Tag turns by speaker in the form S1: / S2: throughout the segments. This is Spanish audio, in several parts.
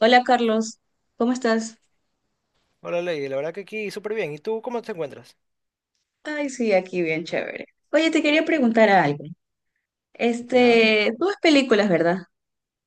S1: Hola Carlos, ¿cómo estás?
S2: Hola Lady, la verdad que aquí súper bien. ¿Y tú cómo te encuentras?
S1: Ay, sí, aquí bien chévere. Oye, te quería preguntar algo.
S2: ¿Ya?
S1: Este, tú ves películas, ¿verdad?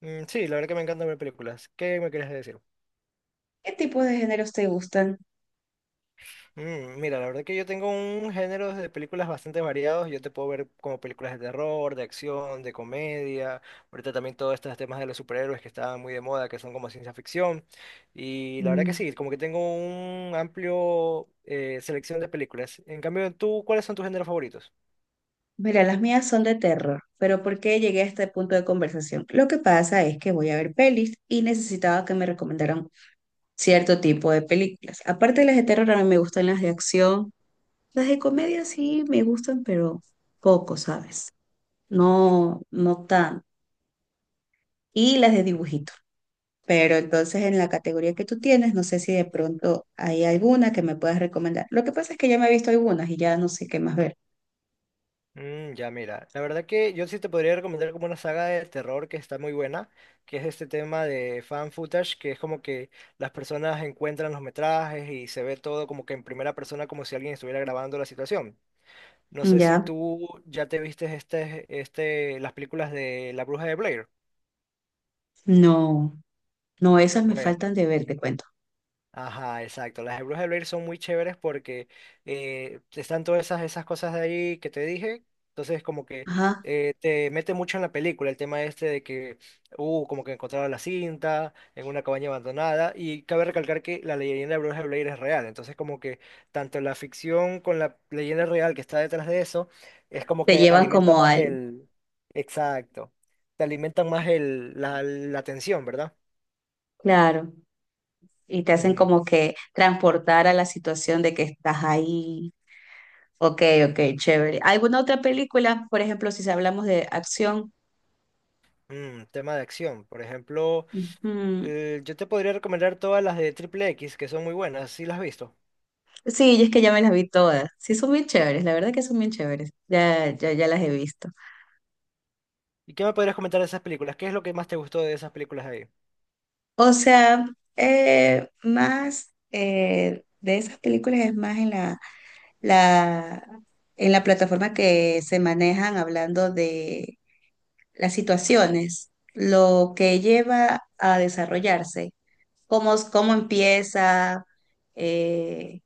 S2: Mm, sí, la verdad que me encanta ver películas. ¿Qué me quieres decir?
S1: ¿Qué tipos de géneros te gustan?
S2: Mira, la verdad que yo tengo un género de películas bastante variados. Yo te puedo ver como películas de terror, de acción, de comedia. Ahorita también todos estos temas de los superhéroes que estaban muy de moda, que son como ciencia ficción. Y la verdad que
S1: Mm,
S2: sí, como que tengo un amplio selección de películas. En cambio, ¿tú cuáles son tus géneros favoritos?
S1: Mira, las mías son de terror, pero ¿por qué llegué a este punto de conversación? Lo que pasa es que voy a ver pelis y necesitaba que me recomendaran cierto tipo de películas. Aparte de las de terror, a mí me gustan las de acción. Las de comedia sí me gustan, pero poco, ¿sabes? No, no tan. Y las de dibujitos. Pero entonces en la categoría que tú tienes, no sé si de pronto hay alguna que me puedas recomendar. Lo que pasa es que ya me he visto algunas y ya no sé qué más ver.
S2: Mm, ya, mira, la verdad que yo sí te podría recomendar como una saga de terror que está muy buena, que es este tema de fan footage, que es como que las personas encuentran los metrajes y se ve todo como que en primera persona, como si alguien estuviera grabando la situación. No sé si
S1: Ya,
S2: tú ya te viste este, las películas de La Bruja de Blair.
S1: no, no, esas me
S2: Bueno.
S1: faltan de ver, te cuento.
S2: Ajá, exacto. Las de Bruja de Blair son muy chéveres porque están todas esas, esas cosas de ahí que te dije. Entonces, como que
S1: Ajá,
S2: te mete mucho en la película el tema este de que, como que encontraron la cinta en una cabaña abandonada. Y cabe recalcar que la leyenda de Bruja de Blair es real. Entonces, como que tanto la ficción con la leyenda real que está detrás de eso, es como
S1: te
S2: que
S1: llevan
S2: alimenta
S1: como
S2: más
S1: al,
S2: el... Exacto. Te alimentan más el, la tensión, ¿verdad?
S1: claro, y te hacen
S2: Ujú.
S1: como que transportar a la situación de que estás ahí. Ok, ok, chévere. ¿Alguna otra película? Por ejemplo, si hablamos de acción.
S2: Tema de acción. Por ejemplo,
S1: Ujú.
S2: yo te podría recomendar todas las de Triple X, que son muy buenas, si las has visto.
S1: Sí, y es que ya me las vi todas. Sí, son bien chéveres, la verdad que son bien chéveres. Ya, ya, ya las he visto.
S2: ¿Y qué me podrías comentar de esas películas? ¿Qué es lo que más te gustó de esas películas ahí?
S1: O sea, más de esas películas es más la, en la plataforma que se manejan hablando de las situaciones, lo que lleva a desarrollarse, cómo empieza, eh,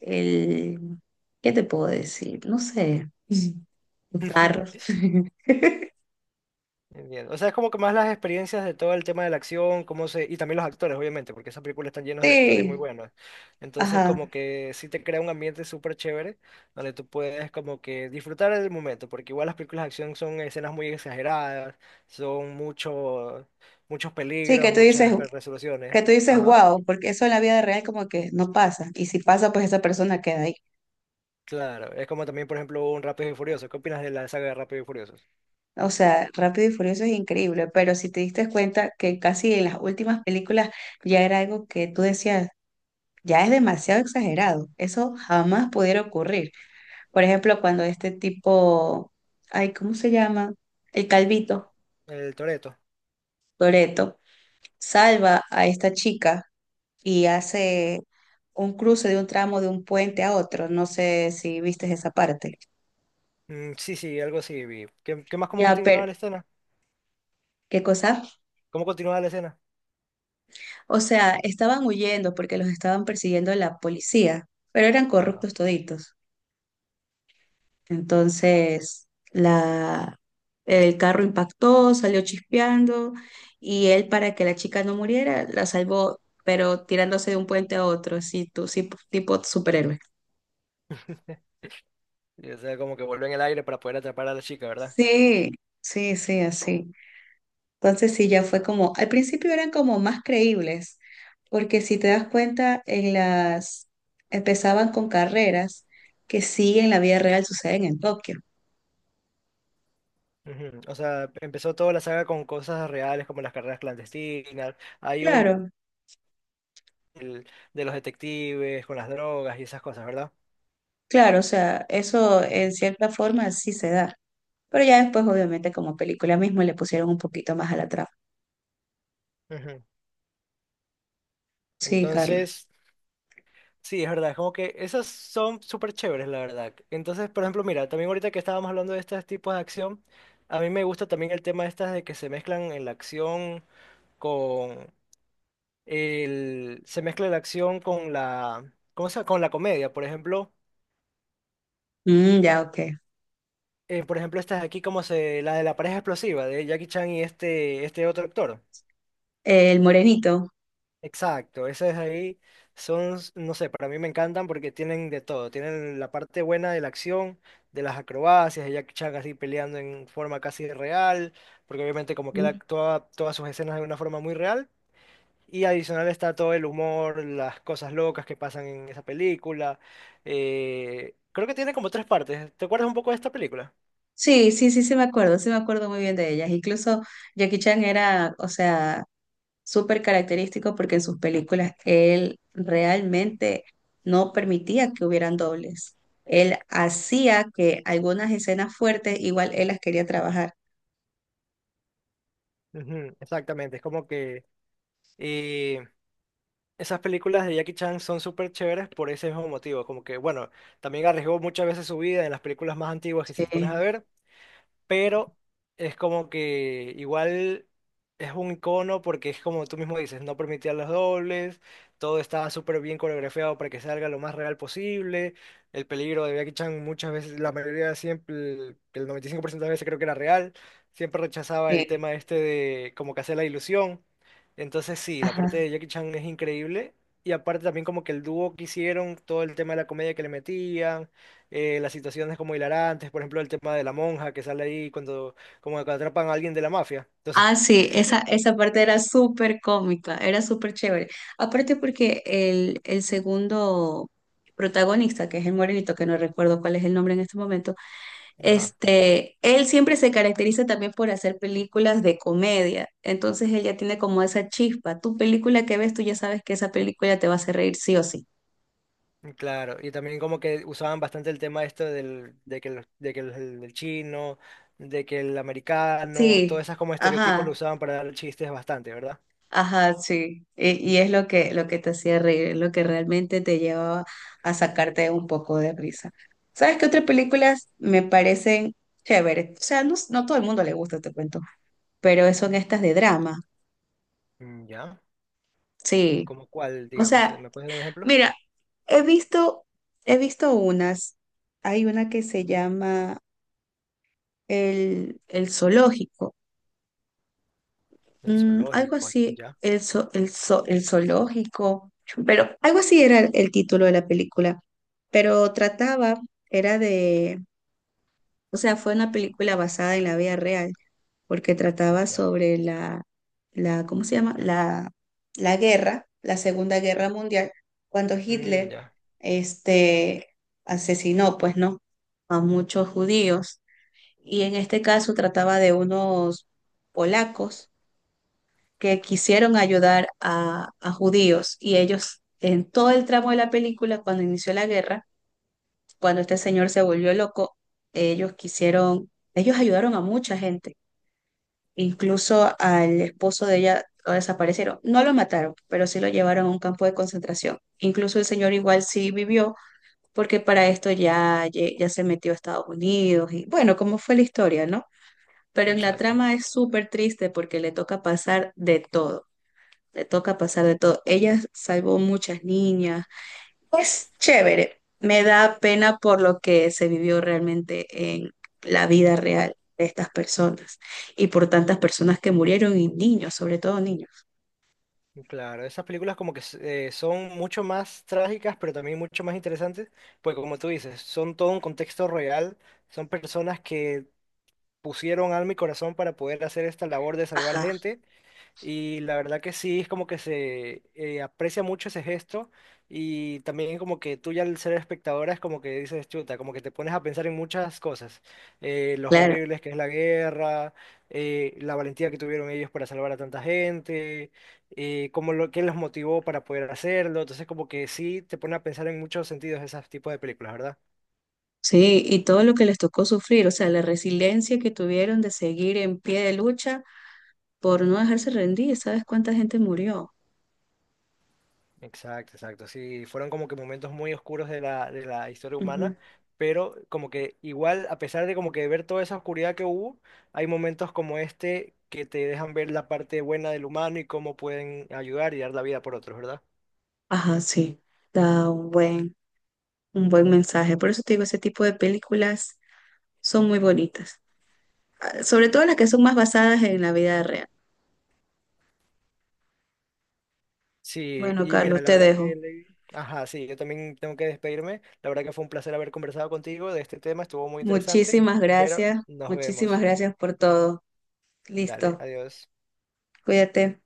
S1: el, ¿qué te puedo decir? No sé, los carros.
S2: Entiendo. O sea, es como que más las experiencias de todo el tema de la acción, cómo se... y también los actores, obviamente, porque esas películas están llenas de actores muy
S1: Sí,
S2: buenos. Entonces,
S1: ajá.
S2: como que sí te crea un ambiente súper chévere, donde tú puedes como que disfrutar del momento, porque igual las películas de acción son escenas muy exageradas, son mucho, muchos
S1: Sí, que
S2: peligros,
S1: tú dices,
S2: muchas resoluciones.
S1: Que tú dices,
S2: Ajá.
S1: wow, porque eso en la vida real como que no pasa. Y si pasa, pues esa persona queda ahí.
S2: Claro, es como también, por ejemplo, un Rápido y Furioso. ¿Qué opinas de la saga de Rápido y Furiosos?
S1: O sea, Rápido y Furioso es increíble, pero si te diste cuenta que casi en las últimas películas ya era algo que tú decías, ya es demasiado exagerado. Eso jamás pudiera ocurrir. Por ejemplo, cuando este tipo, ay, ¿cómo se llama? El Calvito,
S2: El Toreto
S1: Toretto, salva a esta chica y hace un cruce de un tramo de un puente a otro. No sé si viste esa parte.
S2: sí, sí, algo así vi. ¿Qué más cómo
S1: Ya, pero,
S2: continuaba la escena?
S1: ¿qué cosa?
S2: ¿Cómo continuaba la escena?
S1: O sea, estaban huyendo porque los estaban persiguiendo la policía, pero eran
S2: Ajá.
S1: corruptos toditos. Entonces, el carro impactó, salió chispeando y él, para que la chica no muriera, la salvó, pero tirándose de un puente a otro, así, tú, sí, tipo superhéroe.
S2: Y, o sea, como que vuelve en el aire para poder atrapar a la chica, ¿verdad?
S1: Sí, sí, sí, así. Entonces sí, ya fue como, al principio eran como más creíbles, porque si te das cuenta, empezaban con carreras que sí en la vida real suceden en Tokio.
S2: Ujú. O sea, empezó toda la saga con cosas reales como las carreras clandestinas. Hay un
S1: Claro,
S2: el- de los detectives con las drogas y esas cosas, ¿verdad?
S1: claro, o sea, eso en cierta forma sí se da. Pero ya después, obviamente, como película mismo le pusieron un poquito más a la trama.
S2: Ujú.
S1: Sí, Carlos.
S2: Entonces. Sí, es verdad, es como que esas son súper chéveres, la verdad. Entonces, por ejemplo, mira, también ahorita que estábamos hablando de estos tipos de acción, a mí me gusta también el tema estas de que se mezclan en la acción con se mezcla la acción con la, ¿cómo se llama? Con la comedia,
S1: Mm, ya, ok.
S2: por ejemplo, estas aquí como se, la de la pareja explosiva de Jackie Chan y este otro actor.
S1: El morenito.
S2: Exacto, esas ahí son, no sé, para mí me encantan porque tienen de todo. Tienen la parte buena de la acción, de las acrobacias, de Jackie Chan así peleando en forma casi real, porque obviamente como que él
S1: Mm.
S2: actúa todas sus escenas de una forma muy real. Y adicional está todo el humor, las cosas locas que pasan en esa película. Creo que tiene como tres partes. ¿Te acuerdas un poco de esta película?
S1: Sí, sí, sí, sí me acuerdo muy bien de ellas. Incluso Jackie Chan era, o sea, súper característico porque en sus películas él realmente no permitía que hubieran dobles. Él hacía que algunas escenas fuertes igual él las quería trabajar.
S2: Ujú, exactamente, es como que... Esas películas de Jackie Chan son súper chéveres por ese mismo motivo, como que, bueno, también arriesgó muchas veces su vida en las películas más antiguas que si te pones a
S1: Sí,
S2: ver, pero es como que igual es un icono porque es como tú mismo dices, no permitía los dobles, todo estaba súper bien coreografiado para que salga lo más real posible, el peligro de Jackie Chan muchas veces, la mayoría siempre, el 95% de las veces creo que era real, siempre rechazaba el
S1: sí.
S2: tema este de como que hacer la ilusión, entonces sí, la parte
S1: Ajá.
S2: de Jackie Chan es increíble. Y aparte también como que el dúo que hicieron, todo el tema de la comedia que le metían, las situaciones como hilarantes, por ejemplo, el tema de la monja que sale ahí cuando, como que atrapan a alguien de la mafia. Entonces,
S1: Ah, sí, esa parte era súper cómica, era súper chévere. Aparte porque el segundo protagonista, que es el morenito, que no recuerdo cuál es el nombre en este momento,
S2: ajá,
S1: este, él siempre se caracteriza también por hacer películas de comedia, entonces él ya tiene como esa chispa. Tu película que ves, tú ya sabes que esa película te va a hacer reír sí o sí.
S2: claro. Y también como que usaban bastante el tema esto del, de que, el, de que el, chino, de que el americano, todos
S1: Sí,
S2: esos como estereotipos lo
S1: ajá,
S2: usaban para dar chistes bastante, ¿verdad?
S1: ajá, sí. Y es lo que, te hacía reír, es lo que realmente te llevaba a sacarte un poco de risa. ¿Sabes qué otras películas me parecen chéveres? O sea, no, no todo el mundo le gusta, te cuento, pero son estas de drama.
S2: Mm, ya.
S1: Sí,
S2: ¿Cómo cuál,
S1: o
S2: digamos?
S1: sea,
S2: ¿Me puedes dar un ejemplo?
S1: mira, he visto, he visto unas. Hay una que se llama el zoológico.
S2: El
S1: Algo
S2: zoológico,
S1: así,
S2: ya,
S1: el zoológico. Pero algo así era el título de la película. Pero trataba, era de, o sea, fue una película basada en la vida real. Porque trataba
S2: ya.
S1: sobre la ¿cómo se llama? La guerra, la Segunda Guerra Mundial, cuando
S2: Mm,
S1: Hitler
S2: ya,
S1: este, asesinó, pues no, a muchos judíos. Y en este caso trataba de unos polacos que quisieron ayudar a judíos y ellos en todo el tramo de la película, cuando inició la guerra, cuando este señor se volvió loco, ellos ayudaron a mucha gente. Incluso al esposo de ella lo desaparecieron. No lo mataron, pero sí lo llevaron a un campo de concentración. Incluso el señor igual sí vivió, porque para esto ya se metió a Estados Unidos y bueno, cómo fue la historia, ¿no? Pero en la
S2: exacto.
S1: trama es súper triste porque le toca pasar de todo. Le toca pasar de todo. Ella salvó muchas niñas, es chévere. Me da pena por lo que se vivió realmente en la vida real de estas personas y por tantas personas que murieron y niños, sobre todo niños.
S2: Claro, esas películas como que son mucho más trágicas, pero también mucho más interesantes, pues como tú dices, son todo un contexto real, son personas que pusieron alma y corazón para poder hacer esta labor de salvar
S1: Ajá,
S2: gente y la verdad que sí, es como que se aprecia mucho ese gesto y también como que tú ya al ser espectadora es como que dices, chuta, como que te pones a pensar en muchas cosas, los
S1: claro.
S2: horribles que es la guerra, la valentía que tuvieron ellos para salvar a tanta gente, como lo que los motivó para poder hacerlo, entonces como que sí te pone a pensar en muchos sentidos esos tipos de películas, ¿verdad?
S1: Sí, y todo lo que les tocó sufrir, o sea, la resiliencia que tuvieron de seguir en pie de lucha por no dejarse rendir. ¿Sabes cuánta gente murió?
S2: Exacto, exacto. Sí, fueron como que momentos muy oscuros de la historia
S1: Ujú.
S2: humana, pero como que igual, a pesar de como que ver toda esa oscuridad que hubo, hay momentos como este que te dejan ver la parte buena del humano y cómo pueden ayudar y dar la vida por otros, ¿verdad?
S1: Ajá, sí. Da un buen mensaje. Por eso te digo, ese tipo de películas son muy bonitas. Ah, sobre todo las que son más basadas en la vida real.
S2: Sí,
S1: Bueno,
S2: y mira,
S1: Carlos,
S2: la
S1: te
S2: verdad
S1: dejo.
S2: que, Lady- ajá, sí, yo también tengo que despedirme. La verdad que fue un placer haber conversado contigo de este tema, estuvo muy interesante, pero nos
S1: Muchísimas
S2: vemos.
S1: gracias por todo.
S2: Dale,
S1: Listo,
S2: adiós.
S1: cuídate.